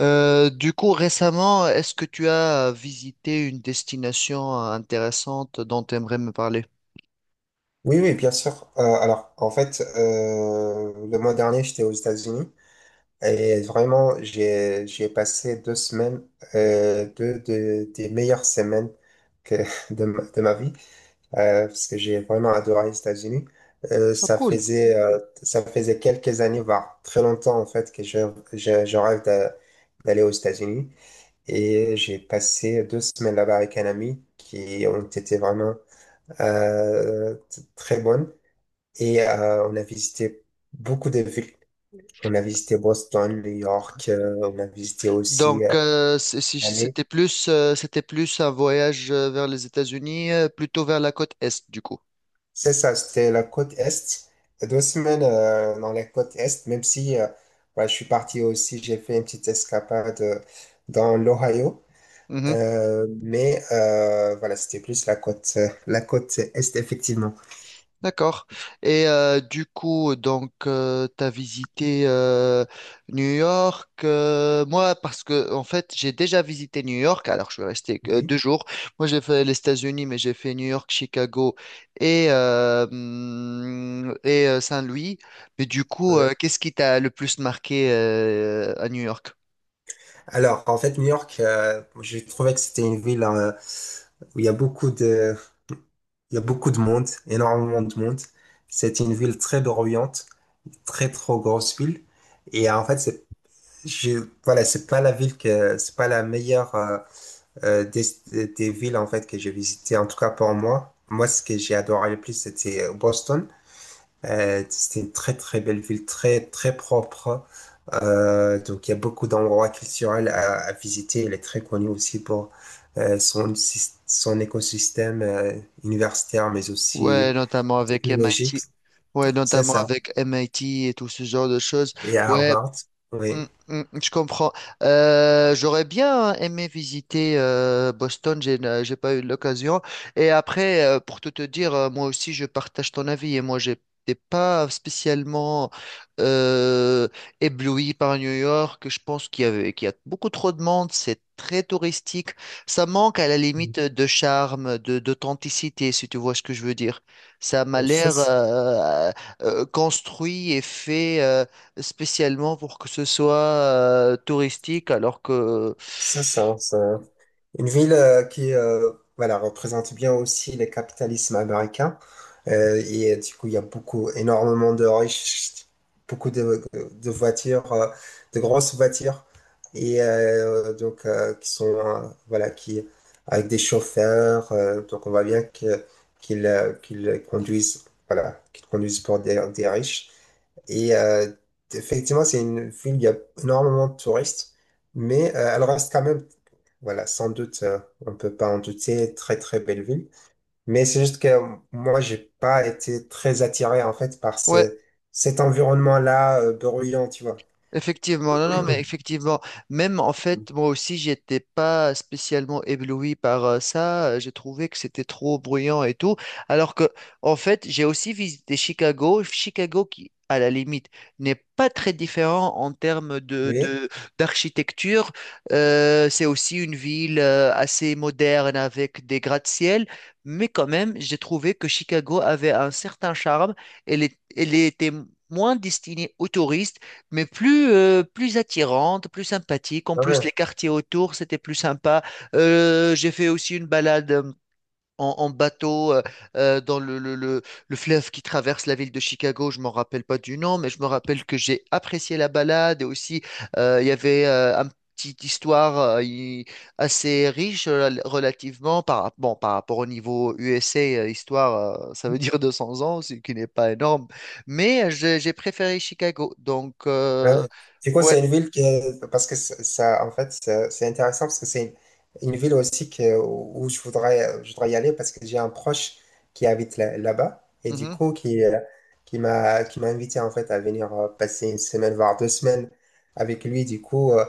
Du coup, récemment, est-ce que tu as visité une destination intéressante dont tu aimerais me parler? Oui, oui, bien sûr. En fait, le mois dernier, j'étais aux États-Unis et vraiment, j'ai passé deux semaines, des meilleures semaines que de ma vie, parce que j'ai vraiment adoré les États-Unis. Ah, cool. Ça faisait quelques années, voire très longtemps, en fait, que je rêve d'aller aux États-Unis. Et j'ai passé deux semaines là-bas avec un ami qui ont été vraiment très bonnes. Et on a visité beaucoup de villes. On a visité Boston, New York, on a visité aussi Donc, Miami. C'était plus un voyage vers les États-Unis, plutôt vers la côte Est, du coup. C'est ça, c'était la côte Est. Deux semaines dans la côte Est, même si ouais, je suis parti aussi, j'ai fait une petite escapade dans l'Ohio. Mhm. Voilà, c'était plus la côte Est, effectivement. D'accord. Et du coup, donc, tu as visité New York. Moi, parce que, en fait, j'ai déjà visité New York. Alors, je suis resté que Oui. deux jours. Moi, j'ai fait les États-Unis, mais j'ai fait New York, Chicago et Saint-Louis. Mais du coup, Euh, qu'est-ce qui t'a le plus marqué à New York? Alors, en fait, New York, je trouvais que c'était une ville où il y a beaucoup de monde, énormément de monde. C'est une ville très bruyante, très trop grosse ville. Et en fait, voilà, c'est pas la meilleure euh, des, des villes en fait que j'ai visitées, en tout cas pour moi. Moi, ce que j'ai adoré le plus, c'était Boston. C'était une très très belle ville, très très propre. Donc il y a beaucoup d'endroits culturels à visiter. Elle est très connue aussi pour son écosystème universitaire, mais Ouais, aussi notamment avec technologique, MIT. Ouais, c'est notamment ça. avec MIT et tout ce genre de choses. Et à Ouais. Harvard, oui. Mm, mm, je comprends. J'aurais bien, hein, aimé visiter Boston, j'ai pas eu l'occasion. Et après, pour tout te dire, moi aussi, je partage ton avis. Et moi, j'étais pas spécialement euh, ébloui par New York. Je pense qu'il y a beaucoup trop de monde. C'est très touristique. Ça manque à la limite de charme, de d'authenticité, si tu vois ce que je veux dire. Ça m'a Euh, l'air C'est construit et fait, spécialement pour que ce soit touristique. Alors que, c'est ça, c'est une ville qui, voilà, représente bien aussi le capitalisme américain. Et du coup, il y a beaucoup, énormément de riches, de voitures, de grosses voitures, et donc qui sont voilà, qui avec des chauffeurs. Donc on voit bien que qu'ils qu'ils conduisent, voilà, qu'ils conduisent pour des riches. Et effectivement, c'est une ville où il y a énormément de touristes, mais elle reste quand même, voilà, sans doute, on peut pas en douter, très très belle ville. Mais c'est juste que moi, j'ai pas été très attiré en fait par ouais. Cet environnement-là bruyant, tu vois. Effectivement, non, non, mais effectivement, même en fait, moi aussi, j'étais pas spécialement ébloui par ça. J'ai trouvé que c'était trop bruyant et tout. Alors que, en fait, j'ai aussi visité Chicago. Chicago qui, à la limite, n'est pas très différent en termes Mhm. Oui. D'architecture. C'est aussi une ville assez moderne avec des gratte-ciel. Mais quand même, j'ai trouvé que Chicago avait un certain charme. Elle était moins destinée aux touristes mais plus attirante, plus sympathique. En plus, les Ouais. quartiers autour, c'était plus sympa. J'ai fait aussi une balade en bateau, dans le fleuve qui traverse la ville de Chicago. Je m'en rappelle pas du nom, mais je me rappelle que j'ai apprécié la balade, et aussi il y avait un petite histoire assez riche, relativement, bon, par rapport au niveau USA, histoire, ça veut dire 200 ans, ce qui n'est pas énorme, mais j'ai préféré Chicago. Donc, Ah ouais. Du coup, ouais. c'est une ville qui est, parce que ça- en fait, c'est intéressant parce que c'est une ville aussi que, où je voudrais y aller parce que j'ai un proche qui habite là-bas et du Mhm. coup, qui m'a invité en fait à venir passer une semaine, voire deux semaines avec lui. Du coup, euh,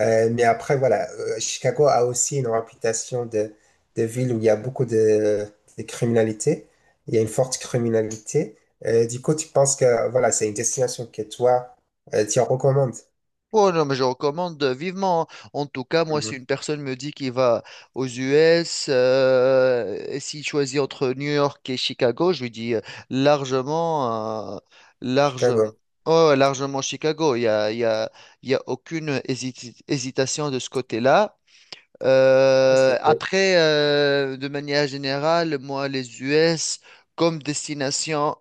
euh, mais après, voilà, Chicago a aussi une réputation de ville où il y a de criminalité. Il y a une forte criminalité. Du coup, tu penses que, voilà, c'est une destination que toi, elle t'y recommande. Oh non, mais je recommande vivement, hein. En tout cas, moi, Mhm. si une personne me dit qu'il va aux US, et s'il choisit entre New York et Chicago, je lui dis largement, euh, large, Chicago. oh, largement Chicago. Il y a aucune hésitation de ce côté-là. Ah, c'est cool. De manière générale, moi, les US comme destination,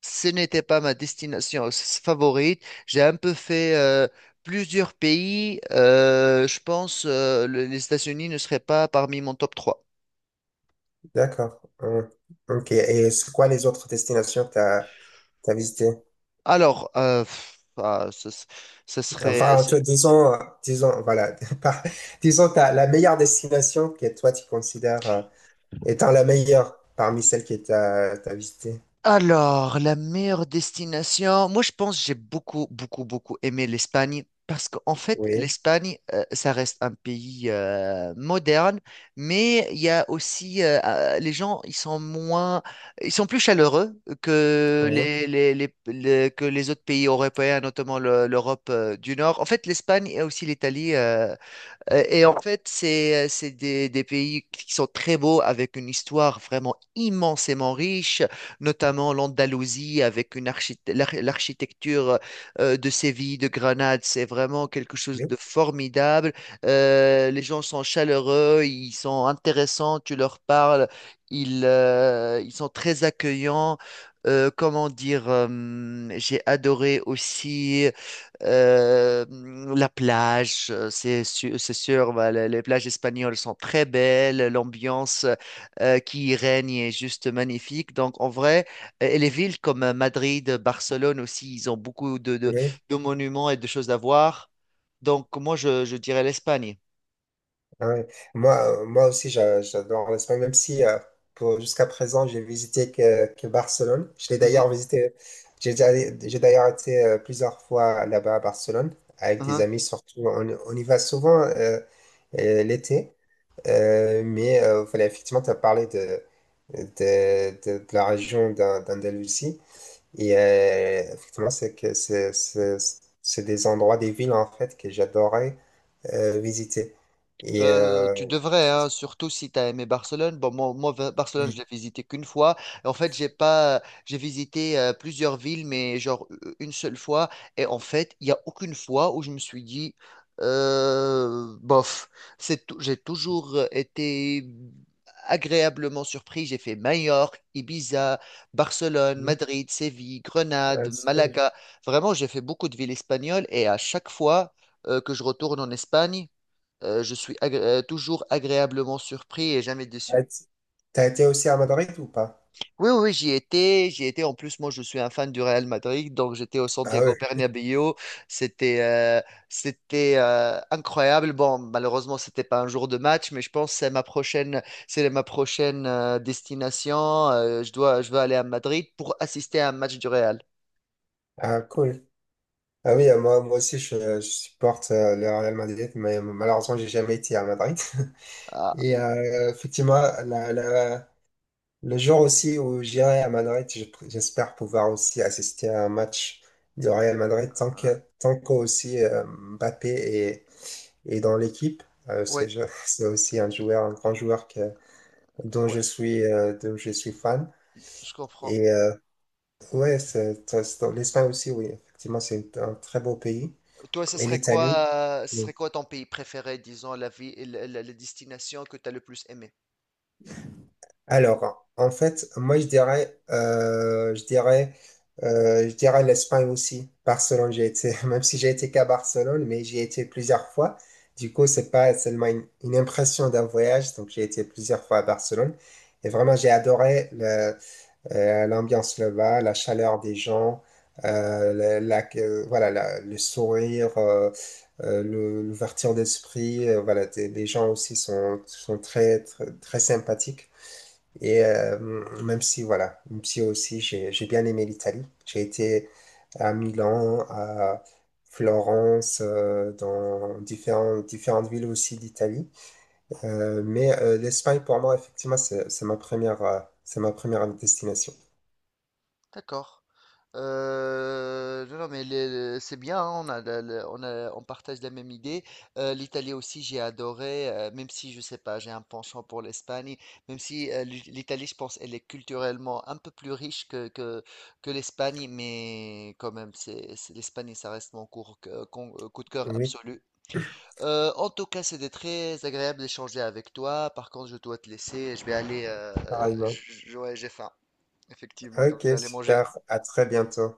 ce n'était pas ma destination favorite. J'ai un peu fait plusieurs pays. Les États-Unis ne seraient pas parmi mon top 3. D'accord. Hum. Ok. Et c'est quoi les autres destinations que tu as visitées? Alors, pff, ah, ce serait, Enfin, disons, voilà, par- disons t'as la meilleure destination que toi tu considères étant la meilleure parmi celles que tu as visitées. Alors, la meilleure destination, moi je pense que j'ai beaucoup, beaucoup, beaucoup aimé l'Espagne, parce qu'en fait, Oui. l'Espagne, ça reste un pays moderne, mais il y a aussi, les ils sont moins, ils sont plus chaleureux que Oui. Que les autres pays européens, notamment l'Europe du Nord. En fait, l'Espagne et aussi l'Italie, et en fait, c'est des pays qui sont très beaux, avec une histoire vraiment immensément riche, notamment l'Andalousie, avec une l'architecture de Séville, de Grenade. C'est vraiment quelque chose Oui. de formidable. Les gens sont chaleureux, ils sont intéressants, tu leur parles, ils sont très accueillants. Comment dire, j'ai adoré aussi Euh, la plage. C'est sûr, c'est sûr, bah, les plages espagnoles sont très belles, l'ambiance qui y règne est juste magnifique. Donc, en vrai, et les villes comme Madrid, Barcelone aussi, ils ont beaucoup Oui. de monuments et de choses à voir. Donc, moi, je dirais l'Espagne. Ah ouais. Moi, moi aussi, j'adore l'Espagne, même si jusqu'à présent, j'ai visité que Barcelone. Je l'ai Mhm, d'ailleurs visité, j'ai déjà- j'ai d'ailleurs été plusieurs fois là-bas à Barcelone, avec des mhm. amis surtout. On y va souvent l'été. Voilà, effectivement, tu as parlé de la région d'Andalousie. Et effectivement, c'est que c'est des endroits, des villes en fait que j'adorais visiter. Et Tu devrais, hein, surtout si tu as aimé Barcelone. Bon, Barcelone, je l'ai visité qu'une fois. En fait, j'ai pas, j'ai visité plusieurs villes, mais genre une seule fois. Et en fait, il n'y a aucune fois où je me suis dit, bof. J'ai toujours été agréablement surpris. J'ai fait Majorque, Ibiza, Barcelone, Mhm. Madrid, Séville, Ah, Grenade, c'est cool. Malaga. Vraiment, j'ai fait beaucoup de villes espagnoles, et à chaque fois que je retourne en Espagne, toujours agréablement surpris et jamais déçu. Ah, t- T'as été aussi à Madrid ou pas? Oui, oui, oui, j'y étais, j'y étais. En plus, moi, je suis un fan du Real Madrid, donc j'étais au Ah Santiago ouais, Bernabéu. C'était, euh, C'était incroyable. Bon, malheureusement, c'était pas un jour de match, mais je pense que c'est ma prochaine destination. Je veux aller à Madrid pour assister à un match du Real. ah cool. Ah Hmm. oui, moi, je supporte le Real Madrid, mais malheureusement j'ai jamais été à Madrid. Ah, Et effectivement, la- la- le jour aussi où j'irai à Madrid, j'espère pouvoir aussi assister à un match du Real Madrid tant qu'aussi Mbappé est, est dans l'équipe, parce que ouais, je- c'est aussi un joueur, un grand joueur que, ouais, dont je suis fan. je comprends. Et Ouais, l'Espagne aussi, oui, effectivement, c'est un très beau pays. Toi, Et l'Italie? Ce serait Oui. quoi ton pays préféré, disons, la vie, la- la destination que tu as le plus aimé? Alors, en fait, moi, je dirais l'Espagne aussi. Barcelone, j'ai été, même si j'ai été qu'à Barcelone, mais j'y ai été plusieurs fois. Du coup, c'est pas seulement une impression d'un voyage, donc j'ai été plusieurs fois à Barcelone. Et vraiment, j'ai adoré l'ambiance là-bas, la chaleur des gens, voilà, le sourire, l'ouverture d'esprit, voilà, les gens aussi sont très, très, très sympathiques. Et même si, voilà, même si aussi j'ai bien aimé l'Italie, j'ai été à Milan, à Florence, dans différentes différentes villes aussi d'Italie. L'Espagne, pour moi, effectivement, c'est ma première destination. D'accord. Non, non, mais c'est bien, hein, on a, on partage la même idée. L'Italie aussi, j'ai adoré, même si je sais pas, j'ai un penchant pour l'Espagne, même si l'Italie, je pense, elle est culturellement un peu plus riche que l'Espagne, mais quand même, l'Espagne, ça reste mon cours, que- con- coup de cœur Oui, absolu. En tout cas, c'était très agréable d'échanger avec toi. Par contre, je dois te laisser, je vais aller, pareillement. Ouais, j'ai faim, effectivement, donc Ok, je vais aller manger. super. À très bientôt.